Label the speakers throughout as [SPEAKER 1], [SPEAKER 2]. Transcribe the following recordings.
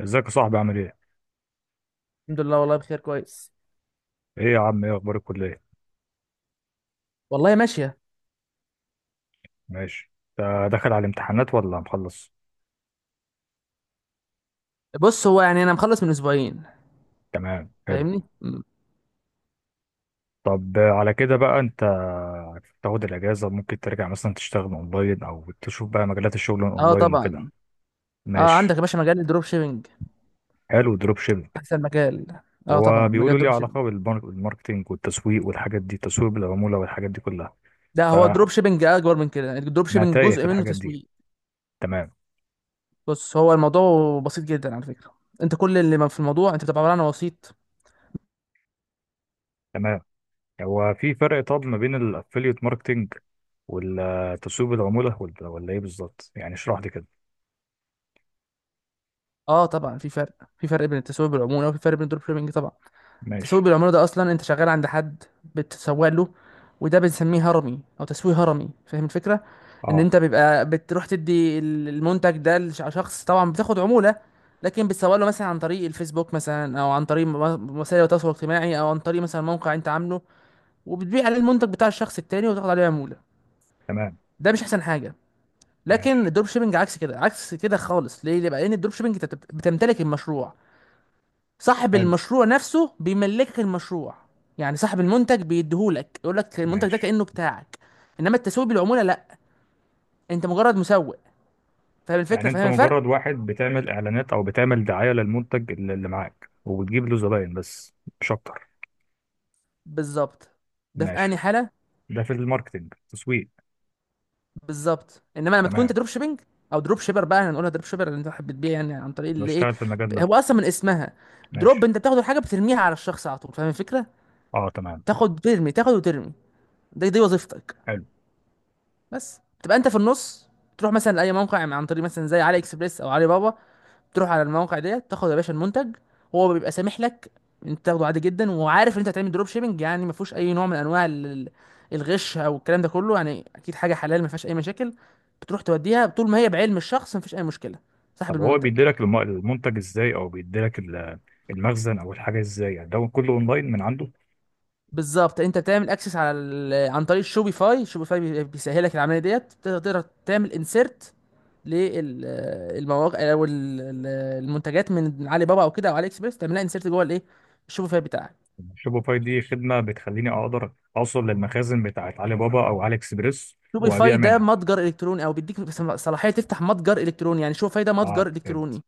[SPEAKER 1] ازيك يا صاحبي، عامل ايه؟
[SPEAKER 2] الحمد لله، والله بخير كويس.
[SPEAKER 1] ايه يا عم، ايه اخبار الكلية؟
[SPEAKER 2] والله ماشية.
[SPEAKER 1] ماشي. انت داخل على الامتحانات ولا مخلص؟
[SPEAKER 2] بص، هو يعني انا مخلص من اسبوعين
[SPEAKER 1] تمام، حلو.
[SPEAKER 2] فاهمني مم.
[SPEAKER 1] طب على كده بقى انت تاخد الاجازة، ممكن ترجع مثلا تشتغل اونلاين او تشوف بقى مجالات الشغل
[SPEAKER 2] اه
[SPEAKER 1] اونلاين وكده.
[SPEAKER 2] طبعا. اه، عندك
[SPEAKER 1] ماشي.
[SPEAKER 2] يا باشا مجال الدروب شيبنج،
[SPEAKER 1] حلو، دروب شيبنج.
[SPEAKER 2] احسن مجال. اه
[SPEAKER 1] هو
[SPEAKER 2] طبعا، مجال
[SPEAKER 1] بيقولوا لي
[SPEAKER 2] الدروب شيبنج.
[SPEAKER 1] علاقة بالماركتينج والتسويق والحاجات دي، تسويق بالعمولة والحاجات دي كلها.
[SPEAKER 2] ده هو
[SPEAKER 1] فانا
[SPEAKER 2] الدروب شيبنج اكبر من كده، الدروب شيبنج
[SPEAKER 1] تايه في
[SPEAKER 2] جزء منه
[SPEAKER 1] الحاجات دي.
[SPEAKER 2] تسويق.
[SPEAKER 1] تمام.
[SPEAKER 2] بص، هو الموضوع بسيط جدا على فكرة. انت كل اللي في الموضوع انت بتبقى عبارة عن وسيط.
[SPEAKER 1] تمام. هو في فرق طب ما بين الافيليت ماركتينج ولا تسويق بالعمولة، ولا ايه بالظبط؟ يعني اشرح لي كده.
[SPEAKER 2] اه طبعا، في فرق، في فرق بين التسويق بالعمولة، وفي فرق بين الدروب شيبنج طبعا. تسويق
[SPEAKER 1] ماشي.
[SPEAKER 2] بالعمولة ده أصلا أنت شغال عند حد، بتسوق له. وده بنسميه هرمي أو تسويق هرمي، فاهم الفكرة؟ إن
[SPEAKER 1] اه.
[SPEAKER 2] أنت بيبقى بتروح تدي المنتج ده لشخص، طبعا بتاخد عمولة. لكن بتسوق له مثلا عن طريق الفيسبوك، مثلا أو عن طريق وسائل التواصل الاجتماعي، أو عن طريق مثلا موقع أنت عامله، وبتبيع عليه المنتج بتاع الشخص التاني، وتاخد عليه عمولة.
[SPEAKER 1] تمام.
[SPEAKER 2] ده مش أحسن حاجة. لكن
[SPEAKER 1] ماشي.
[SPEAKER 2] الدروب شيبنج عكس كده، عكس كده خالص. ليه؟ ليه بقى؟ لأن الدروب شيبنج أنت بتمتلك المشروع. صاحب
[SPEAKER 1] حلو.
[SPEAKER 2] المشروع نفسه بيملكك المشروع. يعني صاحب المنتج بيديهولك، يقول لك المنتج ده
[SPEAKER 1] ماشي.
[SPEAKER 2] كأنه بتاعك. انما التسويق بالعمولة لا، انت مجرد مسوق. فاهم الفكرة،
[SPEAKER 1] يعني انت
[SPEAKER 2] فاهم الفرق.
[SPEAKER 1] مجرد واحد بتعمل اعلانات او بتعمل دعاية للمنتج اللي معاك، وبتجيب له زباين بس، مش اكتر.
[SPEAKER 2] بالظبط. ده في انهي
[SPEAKER 1] ماشي.
[SPEAKER 2] حالة.
[SPEAKER 1] ده في الماركتينج، تسويق.
[SPEAKER 2] بالظبط. انما لما تكون انت
[SPEAKER 1] تمام.
[SPEAKER 2] دروب شيبنج، او دروب شيبر بقى، احنا هنقولها دروب شيبر، اللي انت حابب تبيع يعني عن طريق اللي ايه.
[SPEAKER 1] بشتغل في المجال ده.
[SPEAKER 2] هو اصلا من اسمها دروب،
[SPEAKER 1] ماشي.
[SPEAKER 2] انت بتاخد الحاجة بترميها على الشخص على طول، فاهم الفكرة.
[SPEAKER 1] اه. تمام.
[SPEAKER 2] تاخد وترمي، تاخد وترمي، دي وظيفتك.
[SPEAKER 1] حلو.
[SPEAKER 2] بس تبقى انت في النص. تروح مثلا لاي موقع عن طريق مثلا زي علي اكسبريس او علي بابا. تروح على المواقع ديت، تاخد يا باشا المنتج. هو بيبقى سامح لك، انت تاخده عادي جدا، وعارف ان انت هتعمل دروب شيبنج. يعني ما فيهوش اي نوع من انواع الغش او الكلام ده كله. يعني اكيد حاجه حلال ما فيهاش اي مشاكل. بتروح توديها طول ما هي بعلم الشخص، ما فيش اي مشكله، صاحب
[SPEAKER 1] طب هو
[SPEAKER 2] المنتج.
[SPEAKER 1] بيديلك المنتج ازاي او بيديلك المخزن او الحاجة ازاي؟ يعني ده كله اونلاين من عنده.
[SPEAKER 2] بالظبط. انت بتعمل اكسس على عن طريق شوبيفاي. شوبيفاي بيسهلك العمليه ديت، تقدر تعمل انسيرت للمواقع، او ال- المنتجات من علي بابا او كده، او علي اكسبريس، تعملها انسيرت جوه الايه، الشوبيفاي بتاعك.
[SPEAKER 1] شوبيفاي دي خدمة بتخليني أقدر أوصل للمخازن بتاعت علي بابا أو علي إكسبريس وأبيع
[SPEAKER 2] شوبيفاي ده
[SPEAKER 1] منها.
[SPEAKER 2] متجر الكتروني، او بيديك صلاحيه تفتح متجر الكتروني. يعني شوبيفاي ده
[SPEAKER 1] آه،
[SPEAKER 2] متجر
[SPEAKER 1] فهمت.
[SPEAKER 2] الكتروني.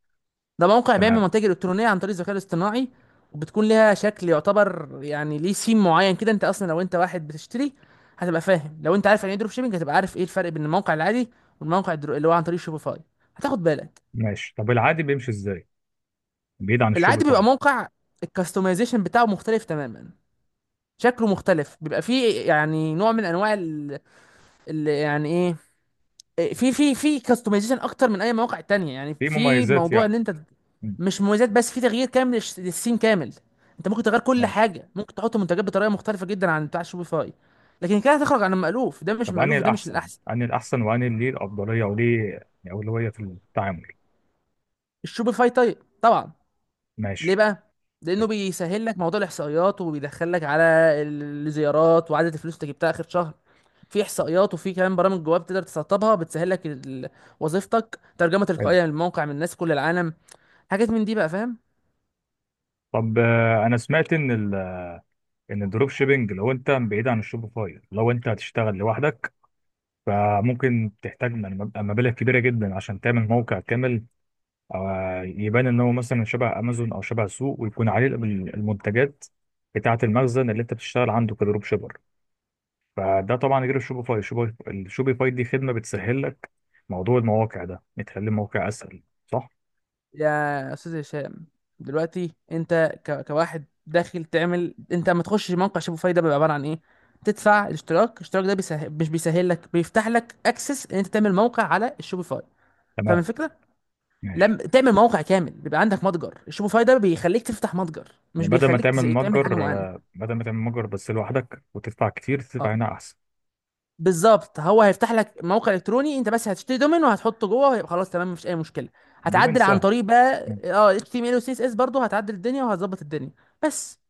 [SPEAKER 2] ده موقع بيعمل
[SPEAKER 1] تمام.
[SPEAKER 2] منتج الكترونيه عن طريق الذكاء الاصطناعي، وبتكون ليها شكل يعتبر يعني ليه سيم معين كده. انت اصلا لو انت واحد بتشتري هتبقى فاهم. لو انت عارف يعني ايه دروب شيبنج هتبقى عارف ايه الفرق بين الموقع العادي، والموقع اللي هو عن طريق شوبيفاي، هتاخد بالك.
[SPEAKER 1] ماشي. طب العادي بيمشي إزاي؟ بعيد عن
[SPEAKER 2] العادي بيبقى
[SPEAKER 1] الشوبيفاي.
[SPEAKER 2] موقع، الكاستمايزيشن بتاعه مختلف تماما، شكله مختلف، بيبقى فيه يعني نوع من انواع يعني ايه، في كاستمايزيشن اكتر من اي مواقع تانية. يعني
[SPEAKER 1] في
[SPEAKER 2] في
[SPEAKER 1] مميزات
[SPEAKER 2] موضوع
[SPEAKER 1] يعني.
[SPEAKER 2] ان انت
[SPEAKER 1] مم.
[SPEAKER 2] مش مميزات بس، في تغيير كامل للسيم كامل. انت ممكن تغير كل
[SPEAKER 1] ماشي.
[SPEAKER 2] حاجه، ممكن تحط منتجات بطريقه مختلفه جدا عن بتاع شوبيفاي. لكن كده هتخرج عن المألوف، ده مش
[SPEAKER 1] طب أنهي
[SPEAKER 2] المألوف، وده مش
[SPEAKER 1] الأحسن؟
[SPEAKER 2] الاحسن.
[SPEAKER 1] أنهي الأحسن وأنهي اللي ليه الأفضلية وليه يعني أولوية في التعامل؟
[SPEAKER 2] الشوبيفاي طيب طبعا. ليه
[SPEAKER 1] ماشي.
[SPEAKER 2] بقى؟ لانه
[SPEAKER 1] طيب،
[SPEAKER 2] بيسهل لك موضوع الاحصائيات، وبيدخلك على الزيارات، وعدد الفلوس اللي جبتها اخر شهر. في احصائيات، وفي كمان برامج جواب تقدر تسطبها بتسهل لك وظيفتك، ترجمه
[SPEAKER 1] حلو.
[SPEAKER 2] تلقائيه للموقع من الناس في كل العالم، حاجات من دي بقى، فاهم.
[SPEAKER 1] طب أنا سمعت إن إن الدروب شيبينج، لو أنت بعيد عن الشوبيفاي، لو أنت هتشتغل لوحدك، فممكن تحتاج مبالغ كبيرة جدا عشان تعمل موقع كامل، أو يبان إن هو مثلا شبه أمازون أو شبه سوق، ويكون عليه المنتجات بتاعة المخزن اللي أنت بتشتغل عنده كدروب شيبر. فده طبعا غير الشوبيفاي. الشوبيفاي دي خدمة بتسهل لك موضوع المواقع ده، بتخلي الموقع أسهل، صح؟
[SPEAKER 2] يا استاذ هشام، دلوقتي انت كواحد داخل تعمل، انت لما تخش موقع شبه فايده بيبقى عباره عن ايه؟ تدفع الاشتراك. الاشتراك ده مش بيسهل لك، بيفتح لك اكسس ان انت تعمل موقع على الشوبيفاي، فاهم
[SPEAKER 1] تمام.
[SPEAKER 2] الفكره.
[SPEAKER 1] ماشي.
[SPEAKER 2] لما تعمل موقع كامل بيبقى عندك متجر. الشوبيفاي ده بيخليك تفتح متجر،
[SPEAKER 1] يعني
[SPEAKER 2] مش بيخليك تعمل حاجه معينه.
[SPEAKER 1] بدل ما تعمل متجر بس لوحدك وتدفع كتير، تدفع
[SPEAKER 2] اه
[SPEAKER 1] هنا أحسن.
[SPEAKER 2] بالظبط، هو هيفتح لك موقع الكتروني، انت بس هتشتري دومين وهتحطه جوه، ويبقى خلاص تمام، مفيش اي مشكله.
[SPEAKER 1] دومين
[SPEAKER 2] هتعدل عن
[SPEAKER 1] سهل.
[SPEAKER 2] طريق بقى
[SPEAKER 1] ماشي.
[SPEAKER 2] HTML و CSS، برضه هتعدل الدنيا وهتظبط الدنيا. بس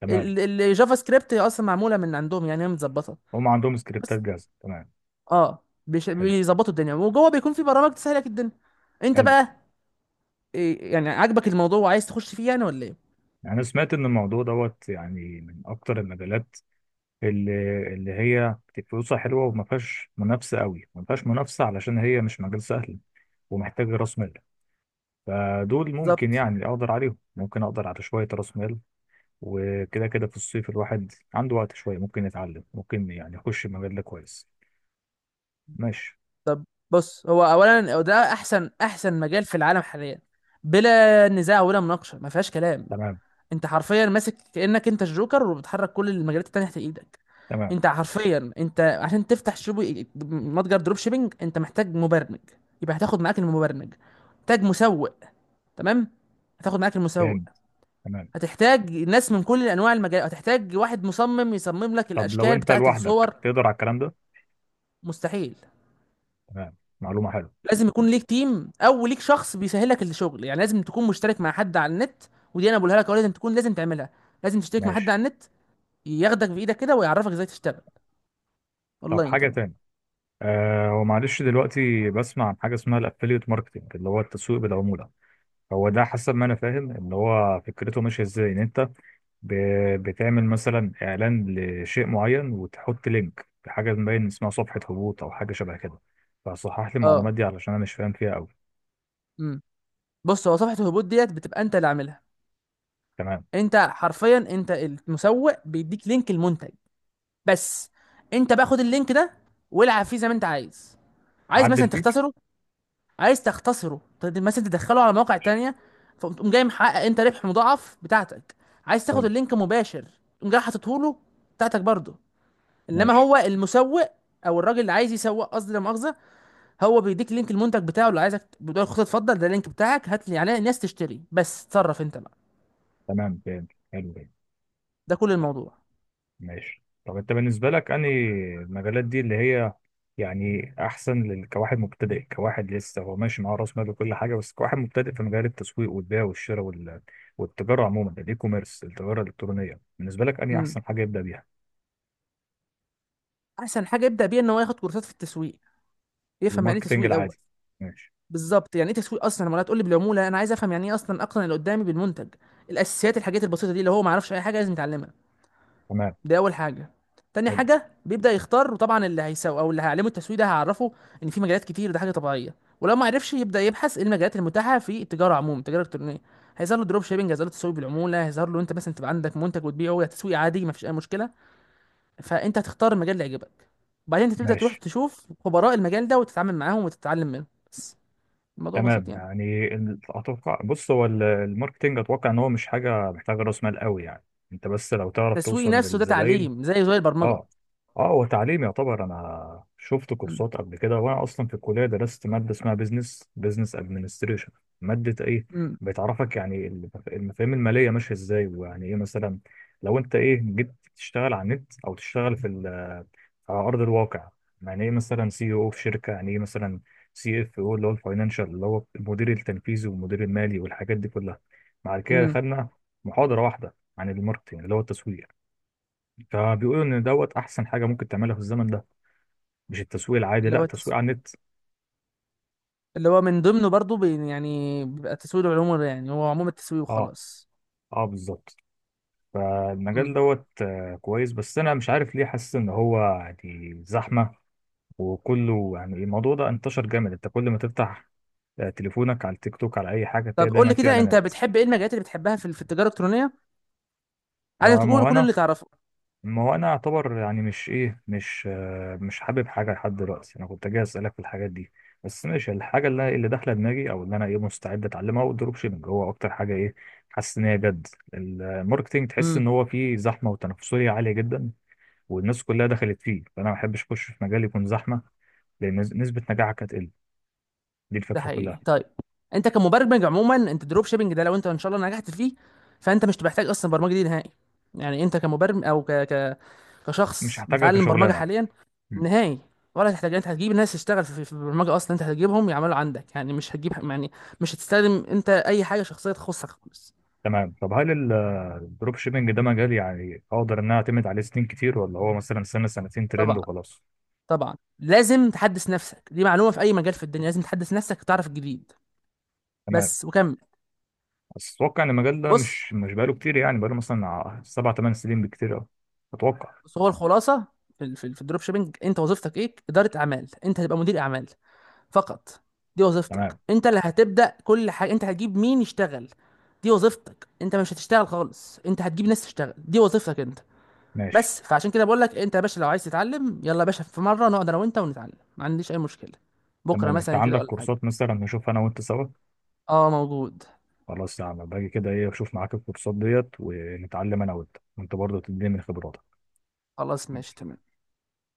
[SPEAKER 1] تمام.
[SPEAKER 2] الجافا سكريبت اصلا معموله من عندهم، يعني هي متظبطه.
[SPEAKER 1] هم عندهم سكريبتات
[SPEAKER 2] بس
[SPEAKER 1] جاهزة. تمام.
[SPEAKER 2] اه
[SPEAKER 1] حلو
[SPEAKER 2] بيظبطوا الدنيا، وجوه بيكون في برامج تسهل لك الدنيا. انت
[SPEAKER 1] حلو
[SPEAKER 2] بقى إيه يعني، عاجبك الموضوع وعايز تخش فيه يعني ولا ايه؟
[SPEAKER 1] يعني أنا سمعت إن الموضوع دوت يعني من أكتر المجالات اللي اللي هي فلوسها حلوه، وما فيهاش منافسه قوي، ما فيهاش منافسه علشان هي مش مجال سهل، ومحتاج راس مال. فدول ممكن
[SPEAKER 2] بالظبط.
[SPEAKER 1] يعني اقدر عليهم، ممكن اقدر على شويه راس مال. وكده كده في الصيف الواحد عنده وقت شويه، ممكن يتعلم، ممكن يعني يخش المجال ده كويس. ماشي.
[SPEAKER 2] طب بص، هو اولا ده احسن احسن مجال في العالم حاليا، بلا نزاع ولا مناقشه، ما فيهاش كلام.
[SPEAKER 1] تمام
[SPEAKER 2] انت حرفيا ماسك كانك انت الجوكر، وبتحرك كل المجالات التانية تحت ايدك.
[SPEAKER 1] تمام
[SPEAKER 2] انت حرفيا، انت عشان تفتح شوبي متجر دروب شيبينج انت محتاج مبرمج، يبقى هتاخد معاك المبرمج. محتاج مسوق، تمام، هتاخد معاك المسوق.
[SPEAKER 1] فاهم. تمام.
[SPEAKER 2] هتحتاج ناس من كل انواع المجال، هتحتاج واحد مصمم يصمم لك
[SPEAKER 1] طب لو
[SPEAKER 2] الاشكال
[SPEAKER 1] انت
[SPEAKER 2] بتاعه الصور.
[SPEAKER 1] لوحدك تقدر على الكلام ده؟
[SPEAKER 2] مستحيل.
[SPEAKER 1] تمام. معلومه حلوه.
[SPEAKER 2] لازم يكون ليك تيم، او ليك شخص بيسهلك الشغل. يعني لازم تكون مشترك مع حد على النت، ودي انا بقولها لك أهو، لازم تعملها، لازم تشترك مع حد
[SPEAKER 1] ماشي.
[SPEAKER 2] على النت، ياخدك بايدك كده ويعرفك ازاي تشتغل
[SPEAKER 1] طب
[SPEAKER 2] اونلاين
[SPEAKER 1] حاجه
[SPEAKER 2] طبعا.
[SPEAKER 1] تاني، آه، ومعلش دلوقتي بسمع عن حاجه اسمها الافيليت ماركتنج اللي هو التسويق بالعموله. هو ده حسب ما انا فاهم، ان هو فكرته ماشيه ازاي، ان انت بتعمل مثلا اعلان لشيء معين، وتحط لينك لحاجه مبين اسمها صفحه هبوط او حاجه شبه كده. فصحح لي
[SPEAKER 2] اه.
[SPEAKER 1] المعلومات دي علشان انا مش فاهم فيها قوي.
[SPEAKER 2] امم بص، هو صفحه الهبوط ديت بتبقى انت اللي عاملها.
[SPEAKER 1] تمام.
[SPEAKER 2] انت حرفيا، انت المسوق بيديك لينك المنتج، بس انت بقى خد اللينك ده والعب فيه زي ما انت عايز. عايز مثلا
[SPEAKER 1] عدل فيه.
[SPEAKER 2] تختصره؟ عايز تختصره مثلا تدخله على مواقع تانية، فتقوم جاي محقق انت ربح مضاعف بتاعتك. عايز تاخد
[SPEAKER 1] حلو.
[SPEAKER 2] اللينك مباشر، تقوم جاي حاططه له بتاعتك برضه. انما
[SPEAKER 1] ماشي.
[SPEAKER 2] هو المسوق، او الراجل اللي عايز يسوق، قصدي لا مؤاخذه، هو بيديك لينك المنتج بتاعه، اللي عايزك بتقول له خد اتفضل، ده اللينك بتاعك، هات لي يعني الناس تشتري، بس اتصرف انت بقى.
[SPEAKER 1] تمام، فهمت. حلو.
[SPEAKER 2] ده كل الموضوع.
[SPEAKER 1] ماشي. طب انت بالنسبة لك انهي المجالات دي اللي هي يعني احسن كواحد مبتدئ، كواحد لسه هو ماشي معاه راس مال وكل حاجة، بس كواحد مبتدئ في مجال التسويق والبيع والشراء والتجارة عموما، الاي كوميرس، التجارة الالكترونية، بالنسبة لك انهي
[SPEAKER 2] امم
[SPEAKER 1] احسن حاجة يبدأ بيها؟
[SPEAKER 2] احسن حاجه يبدا بيها ان هو ياخد كورسات في التسويق، يفهم يعني ايه
[SPEAKER 1] الماركتينج
[SPEAKER 2] تسويق الاول.
[SPEAKER 1] العادي. ماشي.
[SPEAKER 2] بالظبط، يعني ايه تسويق اصلا، لما تقول لي بالعموله انا عايز افهم يعني ايه اصلا، اقنع اللي قدامي بالمنتج. الاساسيات، الحاجات البسيطه دي اللي هو ما يعرفش اي حاجه لازم يتعلمها،
[SPEAKER 1] تمام.
[SPEAKER 2] دي اول حاجه. تاني
[SPEAKER 1] حلو.
[SPEAKER 2] حاجه بيبدا يختار، وطبعا اللي هيسوق او اللي هيعلمه التسويق ده هيعرفه ان في مجالات كتير، ده حاجه طبيعيه. ولو ما عرفش يبدا يبحث ايه المجالات المتاحه في التجاره عموما، التجاره الالكترونيه، هيظهر له دروب شيبنج، هيظهر له تسويق بالعموله، هيظهر له انت مثلا تبقى عندك منتج وتبيعه، يا تسويق عادي، ما فيش اي مشكله. فانت هتختار المجال اللي يعجبك. بعدين انت تبدا تروح
[SPEAKER 1] ماشي.
[SPEAKER 2] تشوف خبراء المجال ده وتتعامل معاهم وتتعلم منهم. بس. الموضوع بسيط
[SPEAKER 1] تمام.
[SPEAKER 2] يعني.
[SPEAKER 1] يعني اتوقع، بص هو الماركتينج، اتوقع ان هو مش حاجة محتاجة راس مال قوي يعني، انت بس لو تعرف
[SPEAKER 2] التسويق
[SPEAKER 1] توصل
[SPEAKER 2] نفسه ده
[SPEAKER 1] للزباين.
[SPEAKER 2] تعليم زي البرمجه.
[SPEAKER 1] اه. اه، هو تعليم يعتبر. انا شفت
[SPEAKER 2] م-
[SPEAKER 1] كورسات قبل كده، وانا اصلا في الكليه درست ماده اسمها بزنس ادمنستريشن. ماده ايه
[SPEAKER 2] م-
[SPEAKER 1] بتعرفك يعني المفاهيم الماليه ماشيه ازاي، ويعني ايه مثلا لو انت جيت تشتغل على النت او تشتغل في على ارض الواقع. يعني ايه مثلا سي او في شركه، يعني ايه مثلا سي اف او، اللي هو الفاينانشال، اللي هو المدير التنفيذي والمدير المالي والحاجات دي كلها. بعد كده
[SPEAKER 2] م.
[SPEAKER 1] خدنا محاضره واحده عن الماركتنج اللي هو التسويق. فبيقولوا ان دوت احسن حاجه ممكن تعملها في الزمن ده، مش التسويق العادي،
[SPEAKER 2] اللي هو
[SPEAKER 1] لا، تسويق
[SPEAKER 2] التس...
[SPEAKER 1] على النت.
[SPEAKER 2] اللي هو من ضمنه برضو يعني بيبقى تسويق العموم، يعني هو عموم التسويق
[SPEAKER 1] اه.
[SPEAKER 2] وخلاص.
[SPEAKER 1] اه، بالظبط.
[SPEAKER 2] م.
[SPEAKER 1] فالمجال دوت كويس، بس انا مش عارف ليه حاسس ان هو يعني زحمه، وكله يعني الموضوع ده انتشر جامد، انت كل ما تفتح تليفونك على التيك توك على اي حاجه، تلاقي
[SPEAKER 2] طب قول
[SPEAKER 1] دايما
[SPEAKER 2] لي
[SPEAKER 1] فيه
[SPEAKER 2] كده، انت
[SPEAKER 1] اعلانات.
[SPEAKER 2] بتحب ايه المجالات اللي بتحبها في التجاره الالكترونيه؟ عايزك
[SPEAKER 1] آه، ما
[SPEAKER 2] تقول
[SPEAKER 1] هو
[SPEAKER 2] كل
[SPEAKER 1] انا
[SPEAKER 2] اللي تعرفه.
[SPEAKER 1] ما هو انا اعتبر يعني، مش ايه، مش حابب حاجه لحد دلوقتي. انا كنت جاي اسالك في الحاجات دي بس. ماشي. الحاجه اللي داخله دماغي، او اللي انا مستعد اتعلمها، هو الدروب شيبنج. هو اكتر حاجه ايه حاسس ان هي جد. الماركتينج تحس
[SPEAKER 2] مم.
[SPEAKER 1] ان هو فيه زحمه وتنافسيه عاليه جدا، والناس كلها دخلت فيه، فانا ما بحبش اخش في مجال يكون زحمه، لان نسبه نجاحك هتقل. دي
[SPEAKER 2] ده
[SPEAKER 1] الفكره
[SPEAKER 2] حقيقي
[SPEAKER 1] كلها.
[SPEAKER 2] طيب. انت كمبرمج عموما، انت دروب شيبنج ده لو انت ان شاء الله نجحت فيه فانت مش محتاج اصلا برمجه دي نهائي. يعني انت كمبرمج او
[SPEAKER 1] مش
[SPEAKER 2] كشخص
[SPEAKER 1] هحتاجها
[SPEAKER 2] بيتعلم برمجه
[SPEAKER 1] كشغلانه.
[SPEAKER 2] حاليا،
[SPEAKER 1] مم.
[SPEAKER 2] نهائي ولا تحتاج. انت هتجيب ناس تشتغل في البرمجه اصلا، انت هتجيبهم يعملوا عندك. يعني مش هتجيب، يعني مش هتستخدم انت اي حاجه شخصيه تخصك خالص.
[SPEAKER 1] تمام. طب هل الدروب شيبنج ده مجال يعني اقدر ان انا اعتمد عليه سنين كتير، ولا هو مثلا سنه سنتين ترند
[SPEAKER 2] طبعا،
[SPEAKER 1] وخلاص؟
[SPEAKER 2] طبعا لازم تحدث نفسك، دي معلومه في اي مجال في الدنيا، لازم تحدث نفسك تعرف الجديد،
[SPEAKER 1] تمام.
[SPEAKER 2] بس وكمل.
[SPEAKER 1] بس اتوقع ان المجال ده
[SPEAKER 2] بص،
[SPEAKER 1] مش بقاله كتير، يعني بقاله مثلا 7 8 سنين بكتير قوي. اتوقع.
[SPEAKER 2] بس هو الخلاصه في الدروب شيبنج انت وظيفتك ايه؟ اداره اعمال، انت هتبقى مدير اعمال فقط. دي وظيفتك،
[SPEAKER 1] تمام.
[SPEAKER 2] انت اللي هتبدا كل حاجه، انت هتجيب مين يشتغل. دي وظيفتك، انت مش هتشتغل خالص، انت هتجيب ناس تشتغل، دي وظيفتك انت.
[SPEAKER 1] ماشي.
[SPEAKER 2] بس، فعشان كده بقول لك انت يا باشا، لو عايز تتعلم يلا يا باشا في مره نقعد انا وانت ونتعلم، ما عنديش اي مشكله، بكره
[SPEAKER 1] تمام. انت
[SPEAKER 2] مثلا كده
[SPEAKER 1] عندك
[SPEAKER 2] ولا حاجه.
[SPEAKER 1] كورسات مثلا، نشوف انا وانت سوا؟
[SPEAKER 2] اه موجود.
[SPEAKER 1] خلاص يا عم، باجي كده ايه، اشوف معاك الكورسات ديت ونتعلم انا وانت، وانت برضه تديني من خبراتك.
[SPEAKER 2] خلاص ماشي تمام.